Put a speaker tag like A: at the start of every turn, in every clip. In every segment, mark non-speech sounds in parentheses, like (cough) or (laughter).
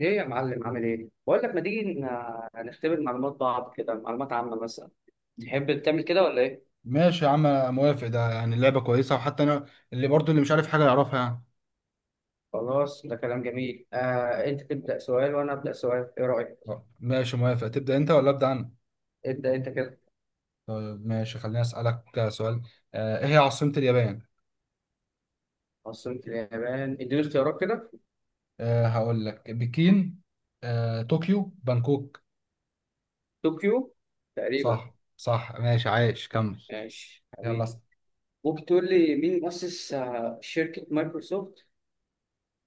A: ايه يا معلم، عامل ايه؟ بقول لك، ما تيجي نختبر معلومات بعض كده، معلومات عامة مثلا. تحب تعمل كده ولا ايه؟
B: ماشي يا عم، انا موافق. ده يعني اللعبه كويسه، وحتى انا اللي مش عارف حاجه يعرفها يعني.
A: خلاص، ده كلام جميل. انت تبدأ سؤال وانا أبدأ سؤال، ايه رأيك؟
B: آه، ماشي موافق. تبدا انت ولا ابدا انا؟
A: ابدأ انت كده.
B: طيب ماشي، خليني اسالك سؤال. ايه هي عاصمه اليابان؟
A: عاصمة اليابان؟ اديني اختيارات كده.
B: أه هقول لك بكين، طوكيو، بانكوك.
A: طوكيو. تقريبا.
B: صح صح، ماشي عايش، كمل.
A: ماشي
B: يلا
A: حبيبي.
B: اسأل.
A: ممكن تقول لي مين مؤسس شركة مايكروسوفت؟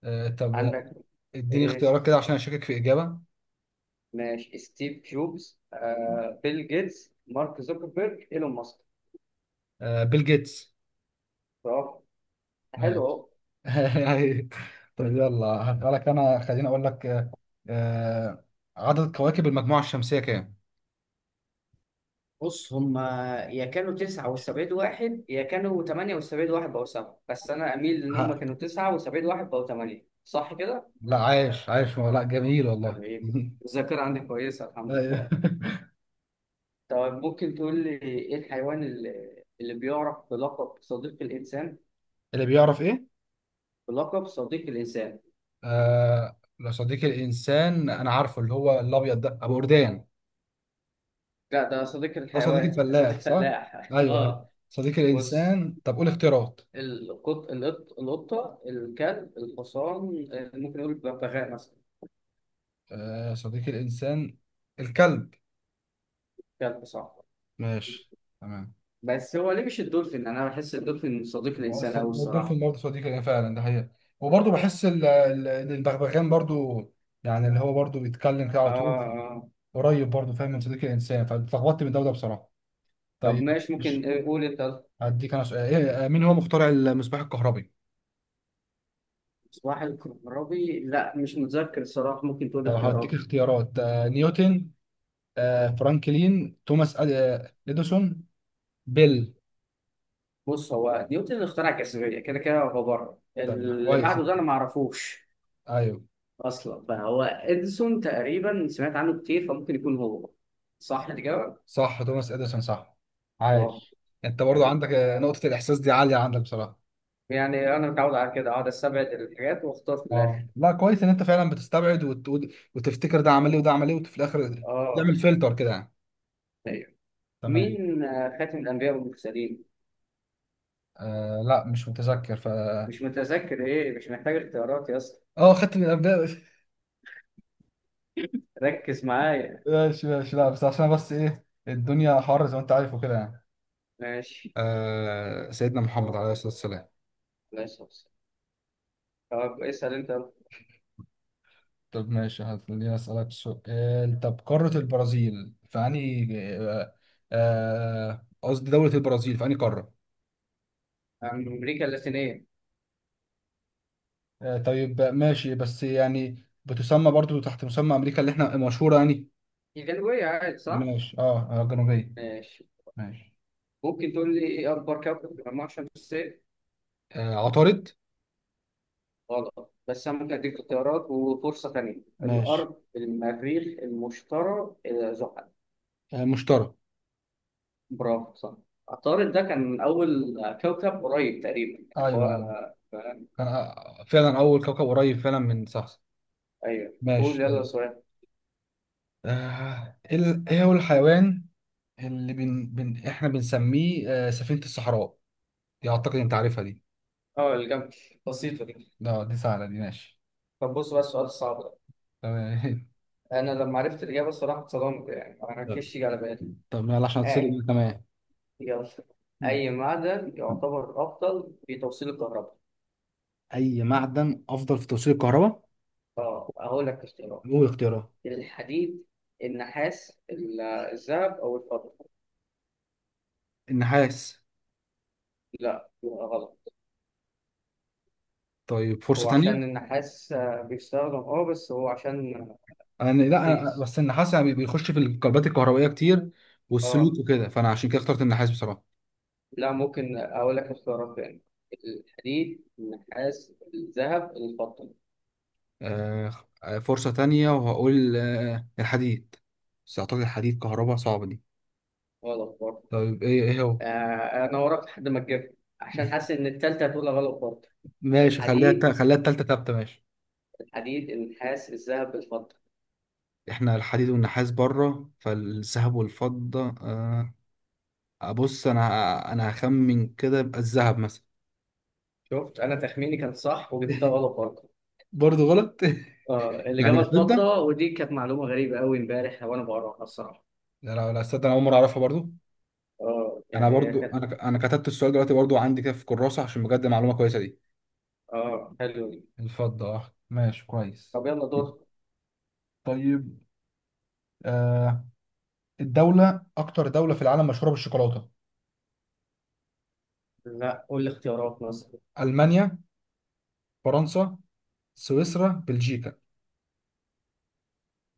B: طب
A: عندك.
B: اديني
A: إيه؟
B: اختيارات كده عشان اشكك في اجابه.
A: ماشي، ستيف جوبز، بيل جيتس، مارك زوكربيرج، ايلون ماسك.
B: أه بيل جيتس.
A: طب. حلو
B: ماشي.
A: اهو.
B: (laughs) أيوة. طيب يلا هسألك أنا، خليني أقول لك آه، عدد كواكب المجموعة الشمسية كام؟
A: بص، هما يا كانوا تسعة وسبعين واحد، يا كانوا تمانية وسبعين واحد بقوا سبعة، بس أنا أميل إن هما
B: ها،
A: كانوا تسعة وسبعين واحد بقوا تمانية، صح كده؟
B: لا عايش عايش، لا جميل والله.
A: حبيبي.
B: (laughs)
A: الذاكرة عندي كويسة الحمد
B: أيوه.
A: لله. طب ممكن تقول لي إيه الحيوان اللي بيعرف بلقب صديق الإنسان؟
B: اللي بيعرف إيه؟
A: بلقب صديق الإنسان.
B: لو صديقي الإنسان، أنا عارفه اللي هو الأبيض ده، أبو أردان.
A: لا، ده صديق
B: ده صديقي
A: الحيوان، صديق
B: الفلاح صح؟
A: فلاح (laughs)
B: أيوه.
A: آه.
B: صديقي
A: بص،
B: الإنسان، طب قول اختيارات.
A: القط القطة، الكلب، الحصان، ممكن نقول الببغاء مثلا.
B: صديقي الإنسان، الكلب.
A: كلب، صح.
B: ماشي، تمام.
A: بس هو ليه مش الدولفين؟ انا بحس الدولفين صديق الانسان قوي
B: الدولفين
A: الصراحه.
B: برضه صديقي ليا فعلا، ده حقيقة. وبرضه بحس إن البغبغان برضه، يعني اللي هو برضه بيتكلم كده على
A: اه،
B: طول،
A: اه.
B: قريب برضه فاهم من صديق الإنسان. فاتلخبطت من ده وده بصراحة.
A: طب
B: طيب،
A: ماشي،
B: مش
A: ممكن قول انت.
B: هديك أنا سؤال. إيه، مين هو مخترع المصباح الكهربي؟
A: صباح الكهربي؟ لا مش متذكر الصراحه، ممكن تقول
B: طب هديك
A: اختيارات.
B: اختيارات، نيوتن، فرانكلين، توماس إديسون، بيل.
A: بص، هو نيوتن اخترع الجاذبيه كده كده، هو بره.
B: طب
A: اللي
B: كويس
A: بعده ده
B: أنت.
A: انا ما اعرفوش
B: أيوه
A: اصلا، فهو اديسون تقريبا سمعت عنه كتير، فممكن يكون هو صح الاجابه.
B: صح، توماس إديسون صح.
A: اه.
B: عايش. أنت برضه
A: حبيبي،
B: عندك نقطة الإحساس دي عالية عندك بصراحة.
A: يعني انا متعود على كده، اقعد استبعد الحاجات واختار في
B: اه
A: الاخر.
B: لا كويس ان انت فعلا بتستبعد وتفتكر ده عمل ايه وده عمل ايه، وفي الاخر
A: اه.
B: تعمل فلتر كده يعني.
A: ايوه.
B: تمام.
A: مين خاتم الانبياء والمرسلين؟
B: آه لا مش متذكر ف.
A: مش متذكر ايه؟ مش محتاج اختيارات يا اسطى،
B: اه خدت من الابداع. (laughs)
A: ركز معايا.
B: ماشي ماشي، لا بس عشان بس ايه، الدنيا حر زي ما انت عارف وكده يعني.
A: ماشي،
B: سيدنا محمد عليه الصلاه والسلام.
A: ماشي. طب اسأل انت يلا.
B: طب ماشي، هتخليني اسالك سؤال. طب قارة البرازيل في انهي آه قصدي دوله البرازيل في انهي قاره؟
A: عن امريكا اللاتينية.
B: طيب ماشي، بس يعني بتسمى برضو تحت مسمى امريكا اللي احنا مشهورة يعني.
A: دي جنوبية عادي، صح؟
B: ماشي اه، جنوبية.
A: ماشي.
B: ماشي.
A: ممكن تقول لي ايه اكبر كوكب في المجموعة الشمسية؟
B: عطارد.
A: غلط، بس انا ممكن اديك اختيارات وفرصة تانية.
B: ماشي،
A: الارض، المريخ، المشتري، زحل.
B: مشتري.
A: برافو، صح. عطارد ده كان اول كوكب قريب تقريبا يعني هو.
B: ايوه ايوه.
A: آه،
B: كان فعلا أول كوكب قريب فعلا من، صح.
A: ايوه، قول
B: ماشي
A: يلا
B: طيب.
A: سؤال.
B: إيه هو الحيوان اللي إحنا بنسميه سفينة الصحراء. دي أعتقد أنت عارفها دي.
A: اه، الجنب، بسيطة دي.
B: لا دي سهلة دي، ماشي.
A: طب بص بقى السؤال الصعب ده،
B: تمام. (laughs)
A: انا لما عرفت الاجابه الصراحه اتصدمت، يعني ما
B: طب،
A: كانش يجي على بالي.
B: يلا عشان اتصل
A: اي.
B: بيك، تمام.
A: يلا.
B: م.
A: اي معدن يعتبر افضل في توصيل الكهرباء؟
B: أي معدن أفضل في توصيل الكهرباء؟
A: اه، هقول لك اختيارات.
B: قول اختيارات.
A: الحديد، النحاس، الذهب، او الفضه.
B: النحاس.
A: لا، يبقى غلط.
B: طيب فرصة
A: هو عشان
B: تانية.
A: النحاس بيستخدم بس هو عشان
B: انا لا، انا
A: رخيص.
B: بس النحاس يعني بيخش في الكربات الكهربائيه كتير
A: اه.
B: والسلوك وكده، فانا عشان كده اخترت النحاس بصراحه.
A: لا ممكن اقول لك اختيارات تاني. الحديد، النحاس، الذهب، الفضه.
B: آه فرصه تانية، وهقول الحديد. بس اعتقد الحديد كهرباء صعبه دي.
A: غلط برضه.
B: طيب، ايه هو؟
A: انا وراك لحد ما تجيبها، عشان حاسس
B: (laughs)
A: ان التالتة هتقول غلط برضه.
B: ماشي،
A: الحديد.
B: خليها التالتة ثابته، ماشي.
A: الحديد، النحاس، الذهب، الفضة.
B: احنا الحديد والنحاس بره، فالذهب والفضه، ابص، انا هخمن كده، يبقى الذهب مثلا.
A: شفت؟ انا تخميني كان صح وجبتها
B: (laughs)
A: غلط برضه.
B: برضه غلط.
A: اه،
B: (laughs) يعني
A: الاجابة
B: الفضه؟
A: الفضة، ودي كانت معلومة غريبة قوي امبارح وانا بقراها الصراحة.
B: لا لا لا استنى، انا اول مره اعرفها برضه.
A: اه،
B: انا
A: يعني هي
B: برضو
A: كانت.
B: انا انا كتبت السؤال دلوقتي برضو عندي كده في كراسة، عشان بجد معلومة كويسة دي.
A: اه حلو دي.
B: الفضة اه، ماشي كويس.
A: طب يلا دور.
B: طيب آه الدولة أكتر دولة في العالم مشهورة بالشوكولاتة؟
A: لا قول لي اختيارات مثلا.
B: ألمانيا، فرنسا، سويسرا، بلجيكا.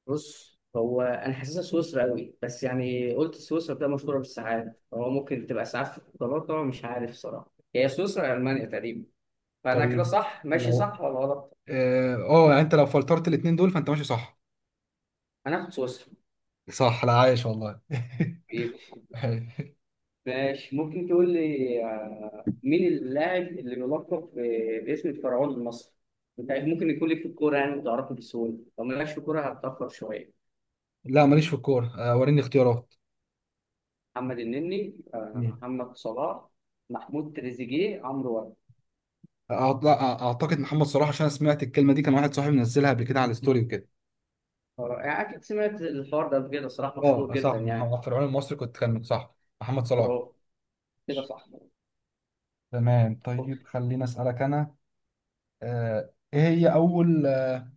A: بص هو انا حاسسها سويسرا قوي، بس يعني قلت سويسرا بتبقى مشهورة بالساعات، هو ممكن تبقى ساعات في القطارات، طبعا مش عارف صراحة. هي سويسرا يا المانيا تقريبا، فانا كده
B: طيب
A: صح ماشي،
B: لو
A: صح ولا غلط؟
B: اه، يعني انت لو فلترت الاتنين دول فانت ماشي صح.
A: هناخد سويسرا.
B: صح، لا عايش والله.
A: يبقى.
B: (laughs)
A: ماشي. ممكن تقول لي مين اللاعب اللي بيلقب باسم الفرعون المصري؟ انت ممكن يكون لك في الكوره يعني بتعرفه بسهوله، لو مالكش في الكوره هتتاخر شويه.
B: لا ماليش في الكورة. وريني اختيارات.
A: محمد النني،
B: مم.
A: محمد صلاح، محمود تريزيجيه، عمرو واكد.
B: أعت- أعتقد محمد صلاح، عشان أنا سمعت الكلمة دي، كان واحد صاحبي منزلها قبل كده على الستوري وكده.
A: يعني اكيد سمعت الحوار ده قبل كده صراحه، مشهور
B: اه صح،
A: جدا يعني.
B: محمد فرعون المصري كنت كان صح. محمد صلاح.
A: برافو، كده صح.
B: تمام طيب، خليني اسالك انا. ايه هي اول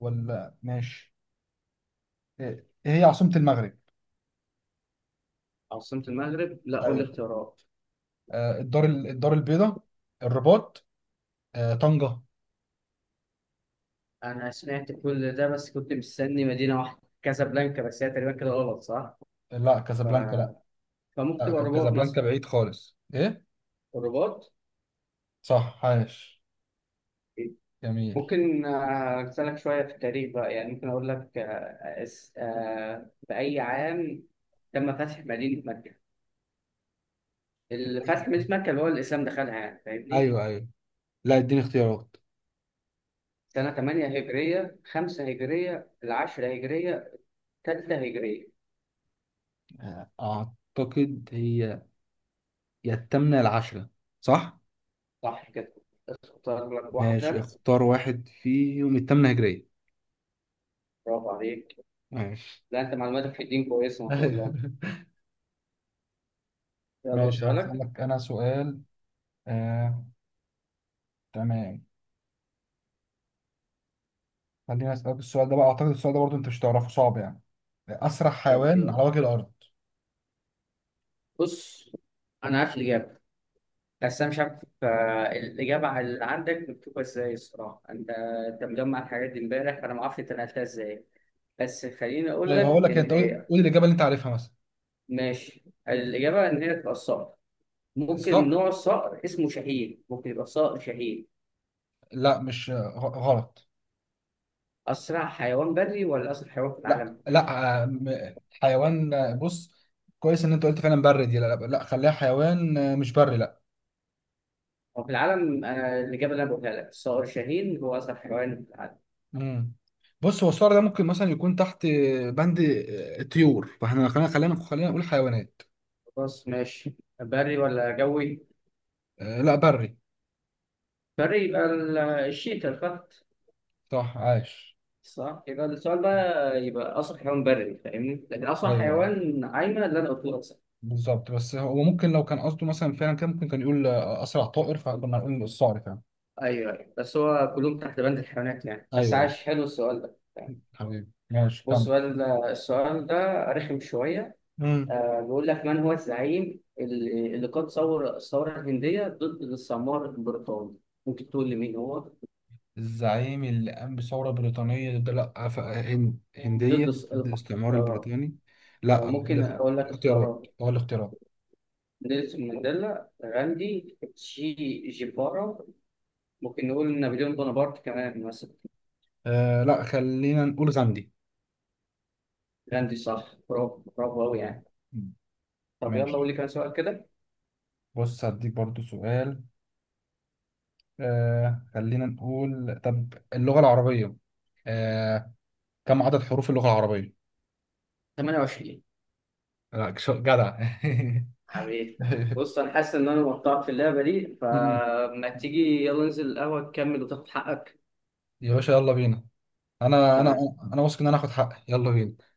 B: ولا ماشي، ايه هي عاصمة المغرب؟
A: عاصمة المغرب؟ لا قول لي
B: ايوه.
A: اختيارات.
B: الدار البيضاء، الرباط، طنجة.
A: انا سمعت كل ده بس كنت مستني مدينه واحده كازابلانكا، بس هي تقريبا كده غلط، صح؟
B: لا كازابلانكا لا.
A: فممكن تبقى الرباط مثلا.
B: كازابلانكا بعيد خالص، ايه.
A: الرباط.
B: صح عاش، جميل.
A: ممكن اسالك شويه في التاريخ بقى، يعني ممكن اقول لك باي عام تم فتح مدينه مكه؟ الفتح مدينه مكه اللي هو الاسلام دخلها، يعني فاهمني.
B: ايوه ايوه. لا اديني اختيارات.
A: سنه 8 هجريه، 5 هجريه، 10 هجريه، 3 هجريه.
B: آه، اعتقد هي يا الثامنه العشره، صح؟
A: صح كده، اختار لك
B: ماشي،
A: واحده.
B: اختار واحد فيهم، التامنة هجرية.
A: برافو عليك.
B: ماشي.
A: لا، انت معلوماتك في الدين كويسه ما شاء الله.
B: (laughs)
A: يلا
B: ماشي
A: سؤالك.
B: هسألك أنا سؤال. آه، تمام، خليني أسألك السؤال ده بقى. أعتقد السؤال ده برضه أنت مش تعرفه، صعب يعني. أسرع
A: طب
B: حيوان
A: يلا.
B: على وجه الأرض؟
A: بص، انا عارف الاجابه، بس انا مش عارف الاجابه على اللي عندك مكتوبه ازاي الصراحه. انت مجمع الحاجات دي امبارح، فانا ما اعرفش انت نقلتها ازاي، بس خليني اقول
B: طيب هقول
A: لك
B: لك، أنت
A: ان
B: قول قول الإجابة اللي أنت عارفها مثلا.
A: ماشي. الاجابه ان هي تبقى الصقر، ممكن
B: الصقر.
A: نوع الصقر اسمه شاهين، ممكن يبقى صقر شاهين.
B: لا مش غلط.
A: اسرع حيوان بري ولا اسرع حيوان في
B: لا
A: العالم؟
B: لا حيوان بص. كويس إن أنت قلت فعلا بري دي. لا لا, لا خليها حيوان، مش بري لا.
A: هو في العالم. انا الاجابه اللي انا بقولها لك الصقر شاهين هو اسرع حيوان في العالم.
B: مم. بص هو الصقر ده ممكن مثلا يكون تحت بند الطيور، فاحنا خلينا نقول حيوانات.
A: خلاص ماشي. بري ولا جوي؟
B: آه لا بري.
A: بري يبقى الشيتا، الفهد.
B: صح عاش.
A: صح. يبقى السؤال بقى، يبقى اصح حيوان بري، فاهمني، لكن اصح
B: ايوه
A: حيوان عايمه اللي انا قلته لك صح.
B: بالظبط، بس هو ممكن لو كان قصده مثلا فعلا، كان ممكن كان يقول اسرع طائر، فكنا نقول الصقر فعلا.
A: ايوه، ايوه، بس هو كلهم تحت بند الحيوانات يعني، بس
B: ايوه أيوة.
A: عاش، حلو السؤال ده.
B: حبيبي ماشي، كمل.
A: بص بقى السؤال ده رخم شويه.
B: مم.
A: آه، بيقول لك من هو الزعيم اللي قاد الثوره الهنديه ضد السمار البريطاني؟ ممكن تقول لي مين هو؟
B: الزعيم اللي قام بثورة بريطانية ده، لا
A: ضد
B: هندية
A: الس-
B: ضد الاستعمار
A: آه
B: البريطاني. لا
A: ممكن اقول لك
B: الاختيارات،
A: اختيارات.
B: هو الاختيارات.
A: نيلسون مانديلا، غاندي، تشي جيبارا، ممكن نقول نابليون بونابرت كمان مثلا.
B: آه لا، خلينا نقول غاندي.
A: جراندي صح، برافو، برافو قوي يعني.
B: مم.
A: طب يلا قول
B: ماشي،
A: لي كام سؤال كده.
B: بص هديك برضو سؤال. خلينا نقول، طب اللغة العربية، آه كم عدد حروف اللغة العربية؟
A: 28.
B: لا جدع.
A: حبيبي. بص انا حاسس ان انا مقطعك في اللعبه دي،
B: (laughs)
A: فما تيجي يلا ننزل القهوه تكمل وتاخد حقك.
B: يا باشا يلا بينا. انا انا
A: تمام.
B: انا واثق ان انا هاخد حقي، يلا بينا.